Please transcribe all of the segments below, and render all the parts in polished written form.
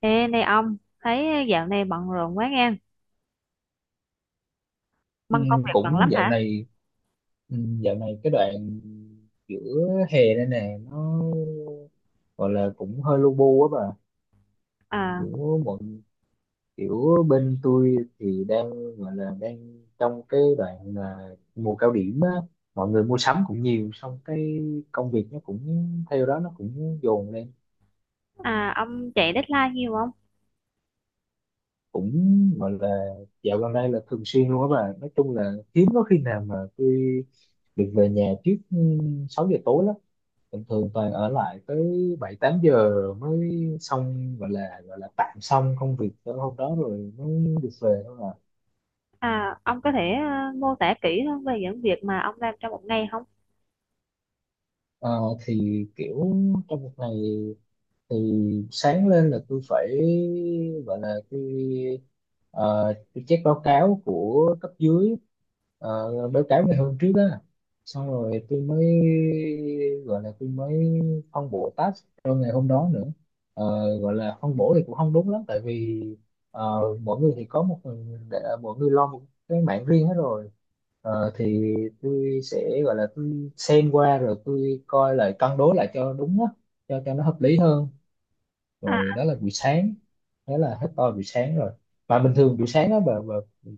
Ê, này ông, thấy dạo này bận rộn quá nghe, Ừ, băng công việc bận lắm cũng dạo hả? này ừ, dạo này cái đoạn giữa hè đây nè nó gọi là cũng hơi lu bu á bà. À, kiểu mọi Kiểu bên tôi thì đang gọi là đang trong cái đoạn là mùa cao điểm á, mọi người mua sắm cũng nhiều, xong cái công việc nó cũng theo đó nó cũng dồn lên, à, ông chạy deadline nhiều không? cũng gọi là dạo gần đây là thường xuyên luôn á bà. Nói chung là hiếm có khi nào mà tôi được về nhà trước 6 giờ tối lắm, thường thường toàn ở lại tới bảy tám giờ mới xong, gọi là tạm xong công việc tới hôm đó rồi mới được về thôi à. À, ông có thể mô tả kỹ hơn về những việc mà ông làm trong một ngày không? Ờ, thì kiểu trong một ngày thì sáng lên là tôi phải gọi là tôi ờ, tôi check báo cáo của cấp dưới, báo cáo ngày hôm trước á, xong rồi tôi mới gọi là tôi mới phân bổ task cho ngày hôm đó nữa. Ờ, Gọi là phân bổ thì cũng không đúng lắm, tại vì mỗi người thì có mỗi người lo một cái mảng riêng hết rồi. Thì tôi sẽ gọi là tôi xem qua rồi tôi coi lại cân đối lại cho đúng á, cho nó hợp lý hơn. À, Rồi đó là buổi sáng, đó là hết to buổi sáng rồi. Mà bình thường buổi sáng đó bà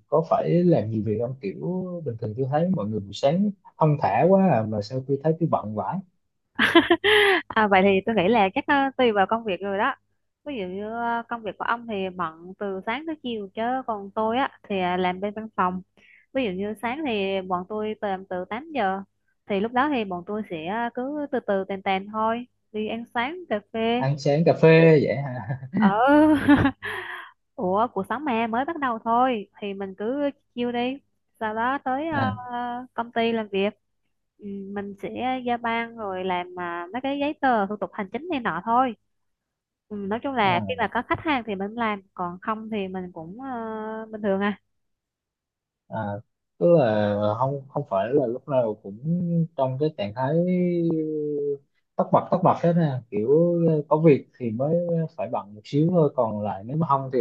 có phải làm nhiều việc không? Kiểu bình thường tôi thấy mọi người buổi sáng thong thả quá à, mà sao tôi thấy tôi bận vãi. à vậy thì tôi nghĩ là chắc tùy vào công việc rồi đó. Ví dụ như công việc của ông thì bận từ sáng tới chiều, chứ còn tôi á thì làm bên văn phòng. Ví dụ như sáng thì bọn tôi làm từ 8 giờ, thì lúc đó thì bọn tôi sẽ cứ từ từ tèn tèn thôi, đi ăn sáng cà phê Ăn sáng cà phê vậy hả? ờ. Ủa, cuộc sống mà mới bắt đầu thôi thì mình cứ chill đi, sau đó tới công ty làm việc. Ừ, mình sẽ giao ban rồi làm mấy cái giấy tờ thủ tục hành chính này nọ thôi. Ừ, nói chung là khi à, mà có khách hàng thì mình làm, còn không thì mình cũng bình thường à. à, tức là không không phải là lúc nào cũng trong cái trạng thái tất bật hết nè, kiểu có việc thì mới phải bận một xíu thôi, còn lại nếu mà không thì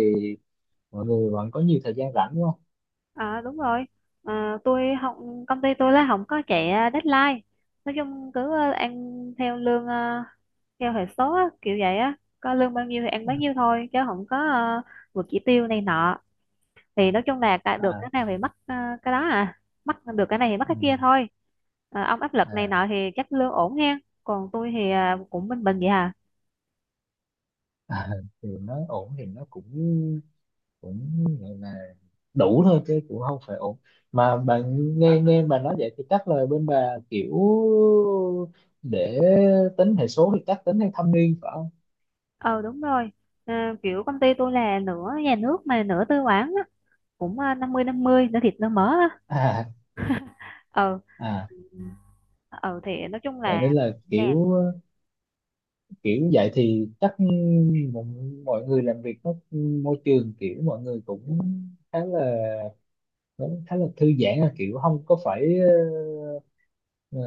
mọi người vẫn có nhiều thời gian rảnh đúng không? À đúng rồi. À, tôi không, công ty tôi là không có chạy deadline. Nói chung cứ ăn theo lương theo hệ số á, kiểu vậy á, có lương bao nhiêu thì ăn À, bấy nhiêu thôi, chứ không có vượt chỉ tiêu này nọ. Thì nói chung là cả, được à, cái nào thì mất cái đó à, mất được cái này thì mất cái ừ, kia thôi. À, ông áp lực này à. nọ thì chắc lương ổn nha. Còn tôi thì cũng bình bình vậy à. À, thì nó ổn thì nó cũng cũng gọi là đủ thôi chứ cũng không phải ổn, mà bạn nghe nghe bà nói vậy thì chắc là bên bà kiểu để tính hệ số thì chắc tính theo thâm niên phải không? Ờ đúng rồi. À, kiểu công ty tôi là nửa nhà nước mà nửa tư bản á, cũng năm mươi, nửa thịt nửa mỡ á. À, Ờ, à, ừ thì nói chung vậy là nên là nha. kiểu kiểu vậy thì chắc mọi, mọi người làm việc nó, môi trường kiểu mọi người cũng khá là khá là thư giãn, là kiểu không có phải ờ,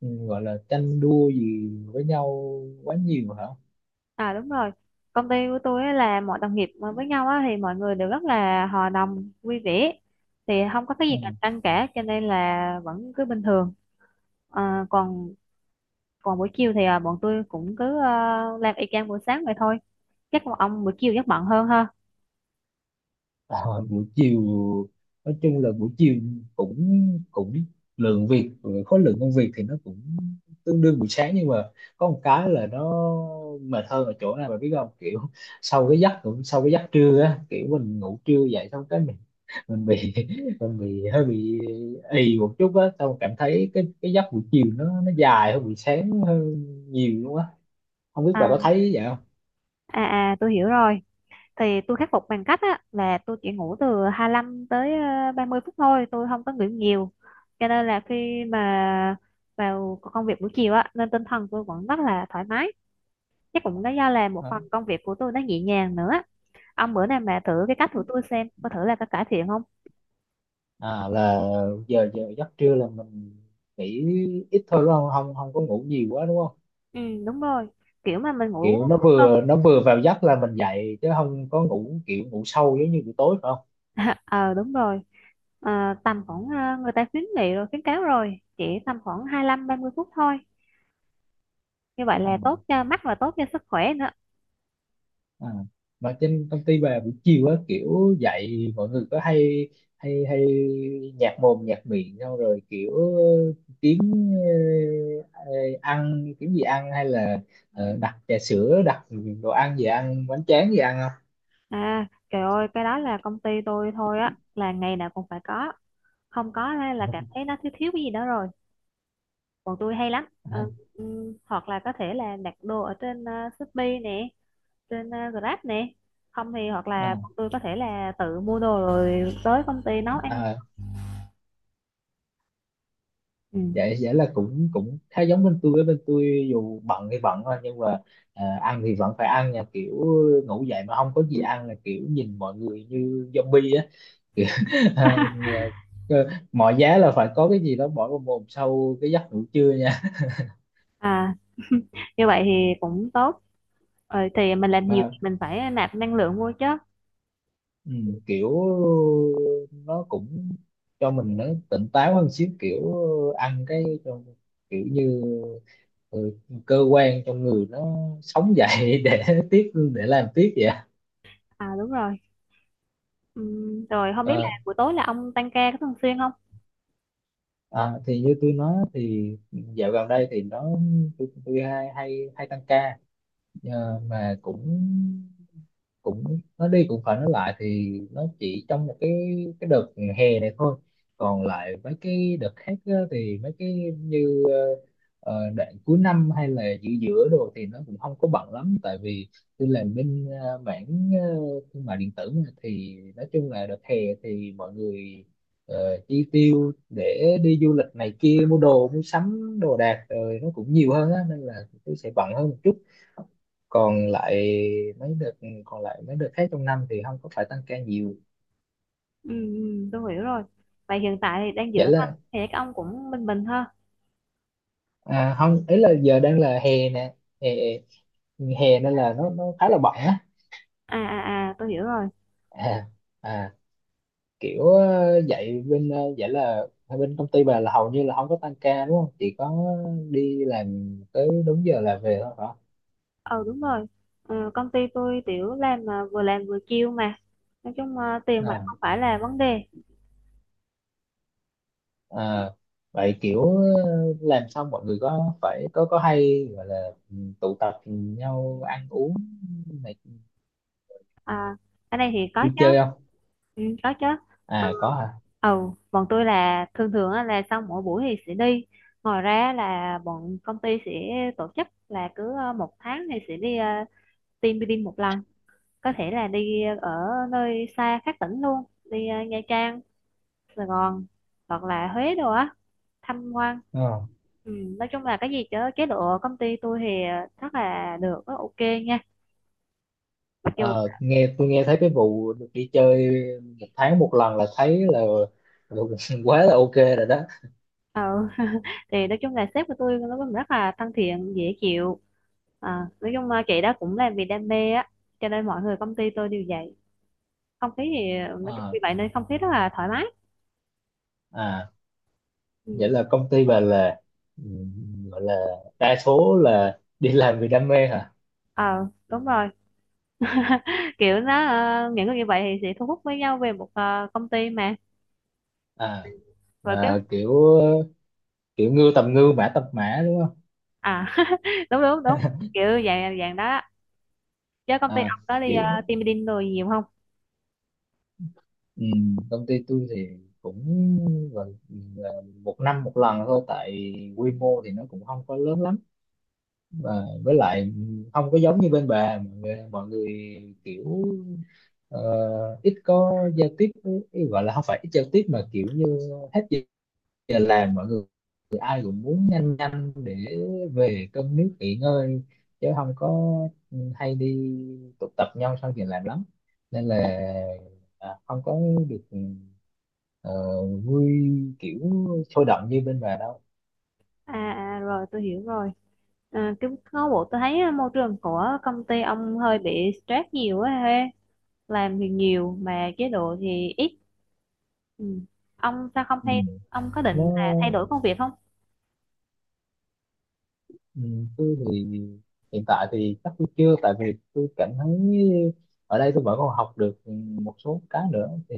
gọi là tranh đua gì với nhau quá nhiều hả? À đúng rồi, công ty của tôi á là mọi đồng nghiệp mà với nhau á thì mọi người đều rất là hòa đồng vui vẻ, thì không có cái gì Ừ. cạnh tranh cả, cho nên là vẫn cứ bình thường. À, còn còn buổi chiều thì bọn tôi cũng cứ làm y chang buổi sáng vậy thôi, chắc là ông buổi chiều chắc bận hơn ha. À, buổi chiều nói chung là buổi chiều cũng cũng lượng việc khối lượng công việc thì nó cũng tương đương buổi sáng, nhưng mà có một cái là nó mệt hơn ở chỗ này bà biết không, kiểu sau cái giấc cũng sau cái giấc trưa á, kiểu mình ngủ trưa dậy xong cái mình bị mình bị hơi bị ì một chút á, xong cảm thấy cái giấc buổi chiều nó dài hơn buổi sáng hơn nhiều luôn á, không biết bà có à thấy vậy không? à à tôi hiểu rồi. Thì tôi khắc phục bằng cách á, là tôi chỉ ngủ từ 25 tới 30 phút thôi, tôi không có ngủ nhiều, cho nên là khi mà vào công việc buổi chiều á nên tinh thần tôi vẫn rất là thoải mái, chắc cũng đó do là một Ờ. phần công việc của tôi nó nhẹ nhàng nữa. Ông bữa nào mà thử cái cách của tôi xem có thử là có cải thiện không. À, là giờ giờ giấc trưa là mình nghỉ ít thôi đúng không, không có ngủ nhiều quá đúng không? Ừ đúng rồi, kiểu mà mình ngủ Kiểu hơn. Nó vừa vào giấc là mình dậy, chứ không có ngủ kiểu ngủ sâu giống như buổi tối phải không? Ờ đúng rồi. Ờ, tầm khoảng người ta khuyến nghị rồi khuyến cáo rồi chỉ tầm khoảng 25 30 phút thôi, như vậy À, là tốt cho mắt và tốt cho sức khỏe nữa. à. Mà trên công ty bà buổi chiều á kiểu dậy mọi người có hay hay hay nhạt mồm nhạt miệng, xong rồi kiểu kiếm ờ, ăn, kiếm gì ăn hay là đặt trà sữa, đặt đồ ăn gì ăn bánh tráng gì ăn không? À, trời ơi, cái đó là công ty tôi thôi á, là ngày nào cũng phải có, không có thế là cảm thấy nó thiếu thiếu cái gì đó rồi. Bọn tôi hay lắm, Ờ, À, hoặc là có thể là đặt đồ ở trên Shopee nè, trên Grab nè, không thì hoặc là à, bọn tôi có thể là tự mua đồ rồi tới công ty nấu ăn. à, Ừ. vậy vậy là cũng cũng khá giống bên tôi. Với bên tôi dù bận thì bận thôi, nhưng mà à, ăn thì vẫn phải ăn nha, kiểu ngủ dậy mà không có gì ăn là kiểu nhìn mọi người như zombie á. Kiểu, à, mọi giá là phải có cái gì đó bỏ vào mồm sau cái giấc ngủ trưa nha. À, như vậy thì cũng tốt. Ờ, thì mình làm nhiều thì Mà mình phải nạp năng lượng vô chứ. ừ, kiểu nó cũng cho mình nó tỉnh táo hơn xíu, kiểu ăn cái cho- kiểu như ừ, cơ quan trong người nó sống dậy để tiếp để làm tiếp vậy. À đúng rồi. Rồi không biết là Ờ, buổi tối là ông tăng ca có thường xuyên không? À, thì như tôi nói thì dạo gần đây thì nó tôi hay hay hay tăng ca. Mà cũng cũng nó đi cũng phải nói lại thì nó chỉ trong một cái đợt hè này thôi, còn lại mấy cái đợt khác á, thì mấy cái như đoạn cuối năm hay là giữa giữa đồ thì nó cũng không có bận lắm, tại vì tôi làm bên mảng thương mại điện tử mà, thì nói chung là đợt hè thì mọi người chi tiêu để đi du lịch này kia, mua đồ mua sắm đồ đạc rồi nó cũng nhiều hơn á nên là tôi sẽ bận hơn một chút. Còn lại còn lại mấy đợt khác trong năm thì không có phải tăng ca nhiều. Ừ, ừ, tôi hiểu rồi. Vậy hiện tại thì đang giữ Vậy anh là thì các ông cũng bình bình ha. à, không, ấy là giờ đang là hè nè, hè hè nên là nó khá là bận á. À, tôi hiểu rồi. À, à kiểu dạy bên vậy là bên công ty bà là hầu như là không có tăng ca đúng không, chỉ có đi làm tới đúng giờ là về thôi hả? Ờ đúng rồi. Ờ, công ty tôi tiểu làm mà vừa làm vừa chill mà. Nói chung tiền bạc À, không phải là vấn đề. à, vậy kiểu làm xong mọi người có phải có hay gọi là tụ tập nhau ăn uống này À, ở đây thì có vui chơi chứ. không? Ừ, có chứ. À có hả? Ờ, bọn tôi là thường thường á, là sau mỗi buổi thì sẽ đi. Ngoài ra là bọn công ty sẽ tổ chức là cứ một tháng thì sẽ đi team building một lần. Có thể là đi ở nơi xa khác tỉnh luôn. Đi Nha Trang, Sài Gòn, hoặc là Huế đồ á, tham quan. Ờ, Ừ, nói chung là cái gì chứ chế độ công ty tôi thì rất là được, rất ok nha, mặc dù Ờ, nghe Tôi nghe thấy cái vụ được đi chơi một tháng một lần là thấy là quá là ok rồi đó. ờ. Thì nói chung là sếp của tôi nó cũng rất là thân thiện dễ chịu, nói chung là chị đó cũng làm vì đam mê á, cho nên mọi người công ty tôi đều vậy. Không khí thì nói chung Ờ, vì vậy nên không khí rất là thoải mái. À vậy Ừ. là công ty bà là ừ, gọi là đa số là đi làm vì đam mê hả? Ờ đúng rồi. Kiểu nó những người như vậy thì sẽ thu hút với nhau về một công ty mà. À, Và cái à kiểu kiểu ngư tầm ngư mã tầm mã đúng không? à, đúng đúng đúng, kiểu dạng dạng đó á. Chứ công ty À ông có đi kiểu team building rồi nhiều không? ừ, công ty tôi thì cũng gọi là một năm một lần thôi, tại quy mô thì nó cũng không có lớn lắm, và với lại không có giống như bên bà, mọi người kiểu ờ, ít có giao tiếp ý gọi là không phải ít giao tiếp, mà kiểu như hết giờ giờ làm mọi người ai cũng muốn nhanh nhanh để về cơm nước nghỉ ngơi, chứ không có hay đi tụ tập nhau sau giờ làm lắm, nên là à, không có được ờ, vui kiểu sôi động như bên bà đâu. À, rồi tôi hiểu rồi. À, cái có bộ tôi thấy môi trường của công ty ông hơi bị stress nhiều á he, làm thì nhiều mà chế độ thì ít. Ừ. Ông sao không Ừ. thay, ông có nó định là thay đổi công việc không? Ừ, tôi thì hiện tại thì chắc tôi chưa, tại vì tôi cảm thấy ở đây tôi vẫn còn học được một số cái nữa thì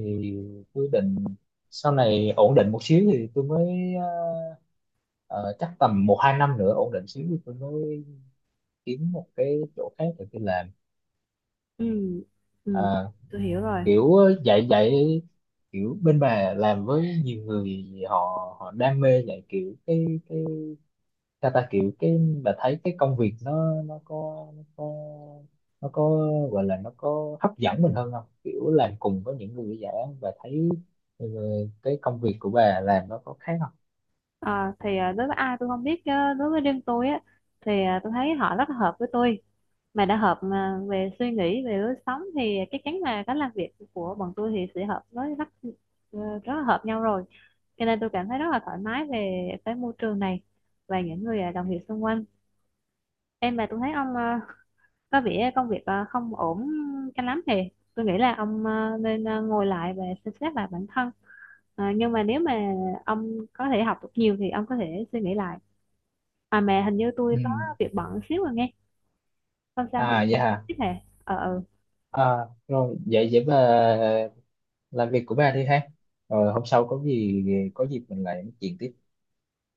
tôi định sau này ổn định một xíu thì tôi mới ờ, chắc tầm một hai năm nữa ổn định xíu thì tôi mới kiếm một cái chỗ khác để tôi làm. Ừ, ừ, Ờ, tôi hiểu rồi. Kiểu dạy dạy kiểu bên bà làm với nhiều người họ họ đam mê dạy, kiểu cái sao ta, kiểu cái bà thấy cái công việc nó có gọi là nó có hấp dẫn mình hơn không, kiểu làm cùng với những người giả và thấy ừ, cái công việc của bà làm nó có khác không? À, thì đối với ai tôi không biết chứ, đối với riêng tôi á, thì tôi thấy họ rất là hợp với tôi. Mà đã hợp mà về suy nghĩ về lối sống thì chắc chắn là cách làm việc của bọn tôi thì sẽ hợp với rất rất là hợp nhau rồi, cho nên tôi cảm thấy rất là thoải mái về cái môi trường này và những người đồng nghiệp xung quanh. Em mà tôi thấy ông có vẻ công việc không ổn cho lắm, thì tôi nghĩ là ông nên ngồi lại và xem xét lại bản thân. Ờ, nhưng mà nếu mà ông có thể học được nhiều thì ông có thể suy nghĩ lại. À mà hình như tôi Ừ. có việc bận xíu rồi nghe, không sao không, À vậy hả? tiếp hệ ờ ừ. À, rồi vậy vậy bà làm việc của bà đi ha, rồi hôm sau có gì có dịp mình lại nói chuyện tiếp.